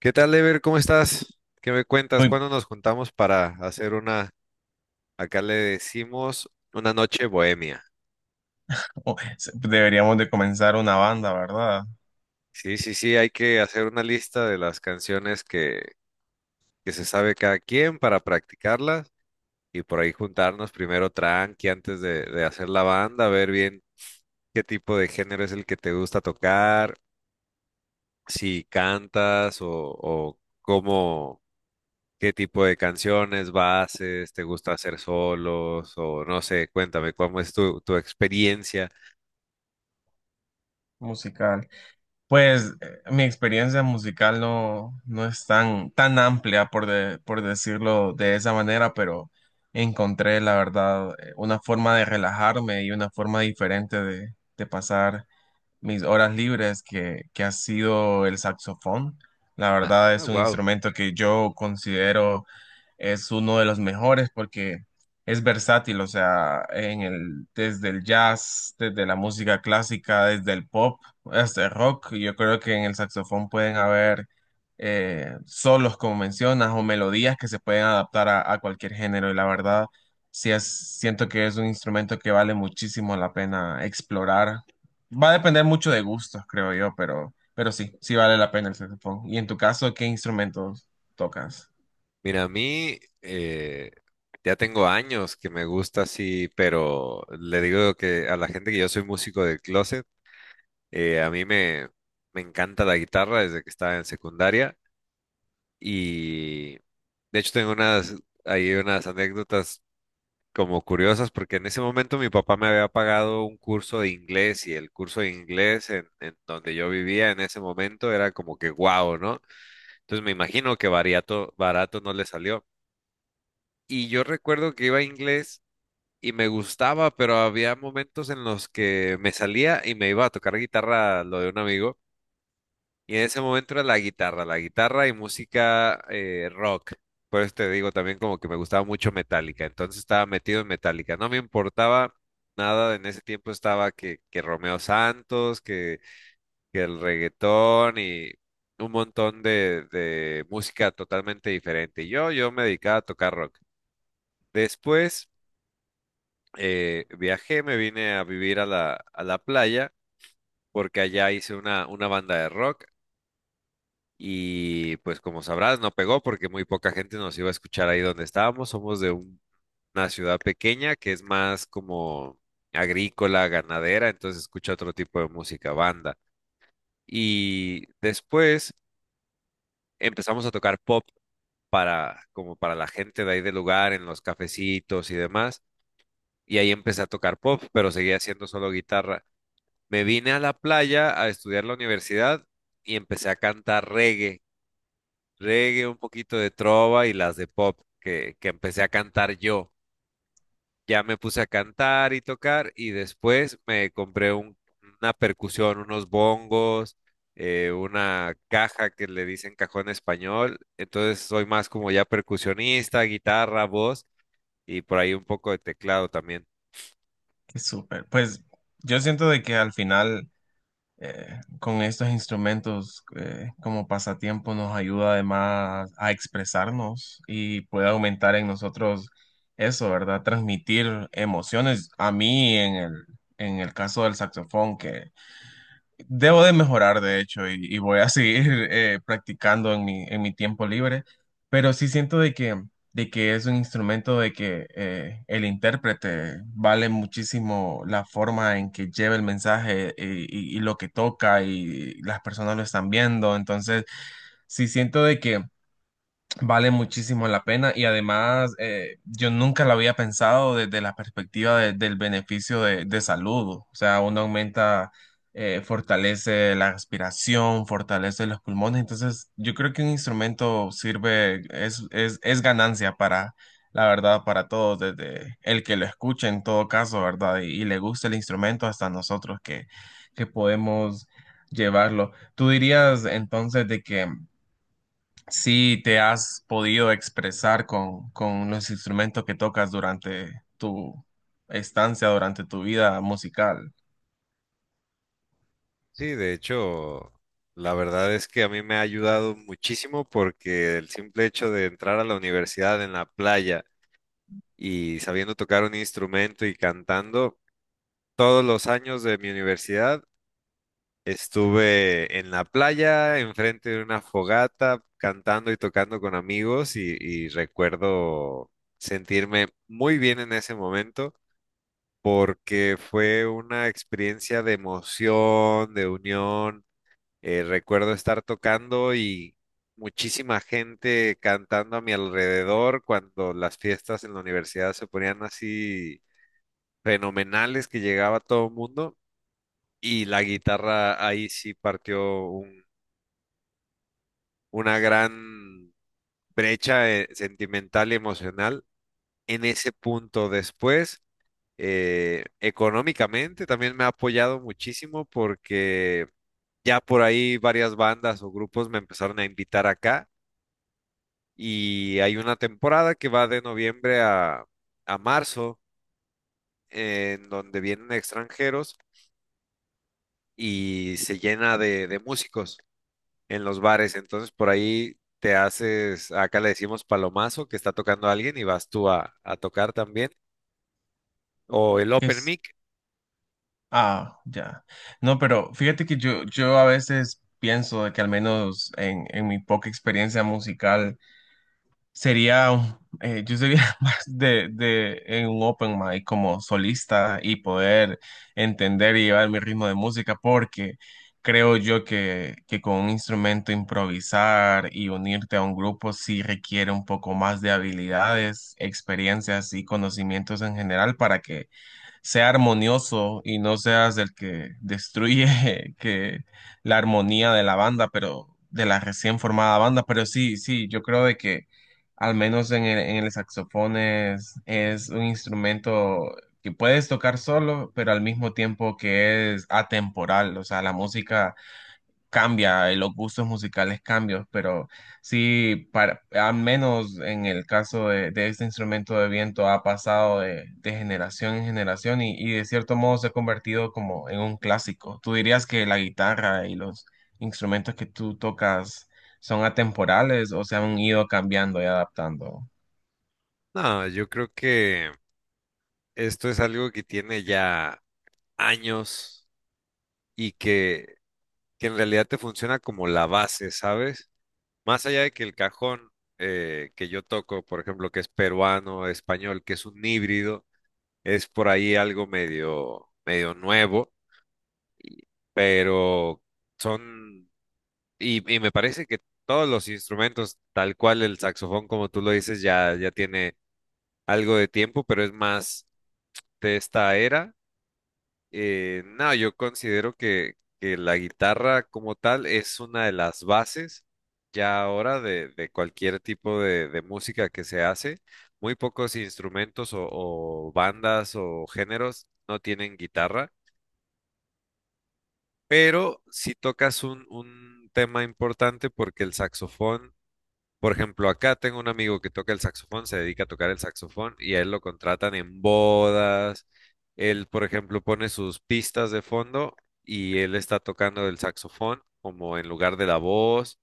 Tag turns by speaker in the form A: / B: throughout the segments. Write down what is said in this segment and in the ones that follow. A: ¿Qué tal, Ever? ¿Cómo estás? ¿Qué me cuentas?
B: Uy,
A: ¿Cuándo nos juntamos para hacer una, acá le decimos, una noche bohemia?
B: deberíamos de comenzar una banda, ¿verdad?
A: Sí, sí, sí, hay que hacer una lista de las canciones que se sabe cada quien para practicarlas y por ahí juntarnos primero tranqui antes de hacer la banda, ver bien qué tipo de género es el que te gusta tocar, si cantas o cómo. ¿Qué tipo de canciones, bases, te gusta hacer solos o no sé? Cuéntame, ¿cómo es tu experiencia?
B: Musical. Pues mi experiencia musical no es tan amplia, por decirlo de esa manera, pero encontré, la verdad, una forma de relajarme y una forma diferente de, pasar mis horas libres que ha sido el saxofón. La
A: Ah,
B: verdad es un
A: wow.
B: instrumento que yo considero es uno de los mejores porque es versátil, o sea, desde el jazz, desde la música clásica, desde el pop, hasta el rock. Yo creo que en el saxofón pueden haber solos, como mencionas, o melodías que se pueden adaptar a cualquier género. Y la verdad, sí es, siento que es un instrumento que vale muchísimo la pena explorar. Va a depender mucho de gustos, creo yo, pero sí, sí vale la pena el saxofón. Y en tu caso, ¿qué instrumentos tocas?
A: Mira, a mí ya tengo años que me gusta así, pero le digo que a la gente que yo soy músico del closet, a me encanta la guitarra desde que estaba en secundaria y de hecho tengo unas, hay unas anécdotas como curiosas, porque en ese momento mi papá me había pagado un curso de inglés y el curso de inglés en donde yo vivía en ese momento era como que guau, ¿no? Entonces me imagino que barato, barato no le salió. Y yo recuerdo que iba a inglés y me gustaba, pero había momentos en los que me salía y me iba a tocar guitarra lo de un amigo. Y en ese momento era la guitarra y música rock. Por eso te digo también como que me gustaba mucho Metallica, entonces estaba metido en Metallica. No me importaba nada, en ese tiempo estaba que Romeo Santos, que el reggaetón y un montón de música totalmente diferente. Yo me dedicaba a tocar rock. Después viajé, me vine a vivir a la playa porque allá hice una banda de rock. Y pues como sabrás, no pegó porque muy poca gente nos iba a escuchar ahí donde estábamos. Somos de un- una ciudad pequeña que es más como agrícola, ganadera, entonces escucha otro tipo de música, banda. Y después empezamos a tocar pop para como para la gente de ahí del lugar, en los cafecitos y demás. Y ahí empecé a tocar pop, pero seguía haciendo solo guitarra. Me vine a la playa a estudiar la universidad y empecé a cantar reggae, un poquito de trova y las de pop que empecé a cantar yo. Ya me puse a cantar y tocar y después me compré un- una percusión, unos bongos, una caja que le dicen cajón español. Entonces soy más como ya percusionista, guitarra, voz y por ahí un poco de teclado también.
B: Súper. Pues yo siento de que al final con estos instrumentos como pasatiempo nos ayuda además a expresarnos y puede aumentar en nosotros eso, ¿verdad? Transmitir emociones. A mí en el caso del saxofón, que debo de mejorar, de hecho, y voy a seguir practicando en en mi tiempo libre, pero sí siento de que es un instrumento de que el intérprete vale muchísimo la forma en que lleva el mensaje y lo que toca y las personas lo están viendo, entonces sí siento de que vale muchísimo la pena y además yo nunca lo había pensado desde la perspectiva del beneficio de, salud. O sea, uno aumenta, fortalece la respiración, fortalece los pulmones. Entonces, yo creo que un instrumento sirve, es ganancia para, la verdad, para todos, desde el que lo escuche en todo caso, ¿verdad? Y le gusta el instrumento hasta nosotros que podemos llevarlo. ¿Tú dirías entonces de que si te has podido expresar con, los instrumentos que tocas durante tu estancia, durante tu vida musical?
A: Sí, de hecho, la verdad es que a mí me ha ayudado muchísimo porque el simple hecho de entrar a la universidad en la playa, y sabiendo tocar un instrumento y cantando. Todos los años de mi universidad estuve en la playa, enfrente de una fogata, cantando y tocando con amigos y recuerdo sentirme muy bien en ese momento porque fue una experiencia de emoción, de unión. Recuerdo estar tocando y muchísima gente cantando a mi alrededor cuando las fiestas en la universidad se ponían así fenomenales que llegaba todo el mundo y la guitarra ahí sí partió un- una gran brecha sentimental y emocional en ese punto. Después, económicamente también me ha apoyado muchísimo porque ya por ahí varias bandas o grupos me empezaron a invitar acá y hay una temporada que va de noviembre a marzo en donde vienen extranjeros y se llena de músicos en los bares. Entonces por ahí te haces, acá le decimos palomazo, que está tocando alguien y vas tú a tocar también. O el open
B: Es,
A: mic.
B: ah, ya. No, pero fíjate que yo a veces pienso de que al menos en mi poca experiencia musical, yo sería más de, en un open mic como solista y poder entender y llevar mi ritmo de música porque creo yo que con un instrumento improvisar y unirte a un grupo sí requiere un poco más de habilidades, experiencias y conocimientos en general para que sea armonioso y no seas el que destruye que la armonía de la banda, pero de la recién formada banda, pero sí, sí, yo creo de que al menos en el saxofón es un instrumento que puedes tocar solo, pero al mismo tiempo que es atemporal, o sea, la música cambia, los gustos musicales cambian, pero sí, para, al menos en el caso de, este instrumento de viento ha pasado de, generación en generación y de cierto modo se ha convertido como en un clásico. ¿Tú dirías que la guitarra y los instrumentos que tú tocas son atemporales o se han ido cambiando y adaptando?
A: No, yo creo que esto es algo que tiene ya años y que en realidad te funciona como la base, ¿sabes? Más allá de que el cajón que yo toco, por ejemplo, que es peruano, español, que es un híbrido, es por ahí algo medio, medio nuevo, y- pero son. Y me parece que todos los instrumentos, tal cual el saxofón, como tú lo dices, ya, ya tiene algo de tiempo, pero es más de esta era. No, yo considero que la guitarra como tal es una de las bases ya ahora de cualquier tipo de música que se hace. Muy pocos instrumentos o bandas o géneros no tienen guitarra, pero si tocas un tema importante porque el saxofón, por ejemplo, acá tengo un amigo que toca el saxofón, se dedica a tocar el saxofón y a él lo contratan en bodas. Él, por ejemplo, pone sus pistas de fondo y él está tocando el saxofón como en lugar de la voz.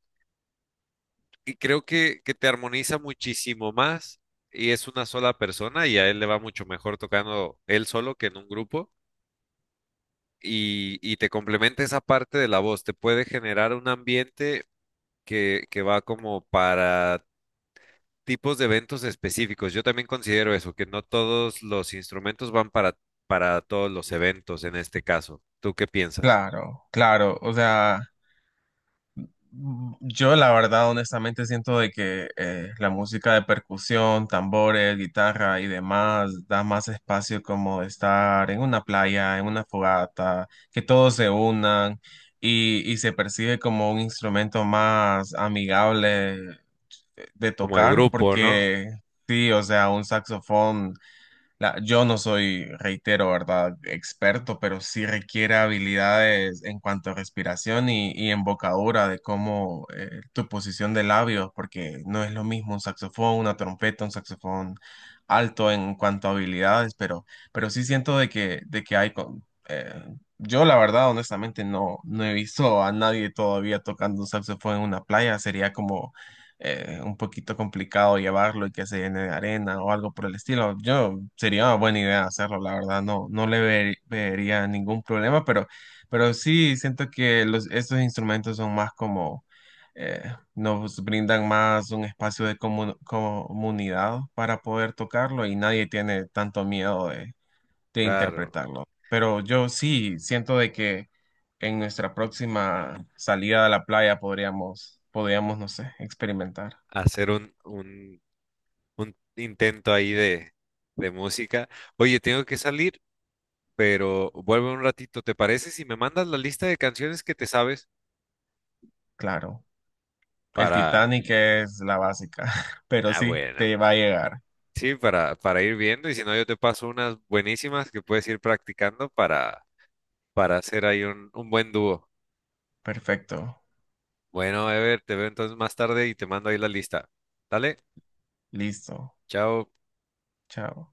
A: Y creo que te armoniza muchísimo más y es una sola persona y a él le va mucho mejor tocando él solo que en un grupo. Y te complementa esa parte de la voz, te puede generar un ambiente que va como para tipos de eventos específicos. Yo también considero eso, que no todos los instrumentos van para todos los eventos en este caso. ¿Tú qué piensas?
B: Claro, claro, o sea... Mm, yo la verdad, honestamente, siento de que la música de percusión, tambores, guitarra y demás da más espacio como de estar en una playa, en una fogata, que todos se unan y se percibe como un instrumento más amigable de
A: Como de
B: tocar,
A: grupo, ¿no?
B: porque sí, o sea, un saxofón. Yo no soy, reitero, ¿verdad? Experto, pero sí requiere habilidades en cuanto a respiración y embocadura de cómo tu posición de labios, porque no es lo mismo un saxofón, una trompeta, un saxofón alto en cuanto a habilidades, pero sí siento de que hay... eh, yo la verdad, honestamente, no he visto a nadie todavía tocando un saxofón en una playa, sería como un poquito complicado llevarlo y que se llene de arena o algo por el estilo. Yo sería una buena idea hacerlo, la verdad, no, vería ningún problema, pero sí siento que los, estos instrumentos son más como, eh, nos brindan más un espacio de comunidad para poder tocarlo y nadie tiene tanto miedo de,
A: Claro,
B: interpretarlo. Pero yo sí siento de que en nuestra próxima salida a la playa podríamos, no sé, experimentar.
A: hacer un intento ahí de música. Oye, tengo que salir, pero vuelvo un ratito. ¿Te parece si me mandas la lista de canciones que te sabes
B: Claro, el
A: para...
B: Titanic es la básica, pero
A: Ah,
B: sí,
A: bueno.
B: te va a llegar.
A: Sí, para ir viendo y si no yo te paso unas buenísimas que puedes ir practicando para hacer ahí un buen dúo.
B: Perfecto,
A: Bueno, Ever, te veo entonces más tarde y te mando ahí la lista. Dale,
B: listo,
A: chao.
B: chao.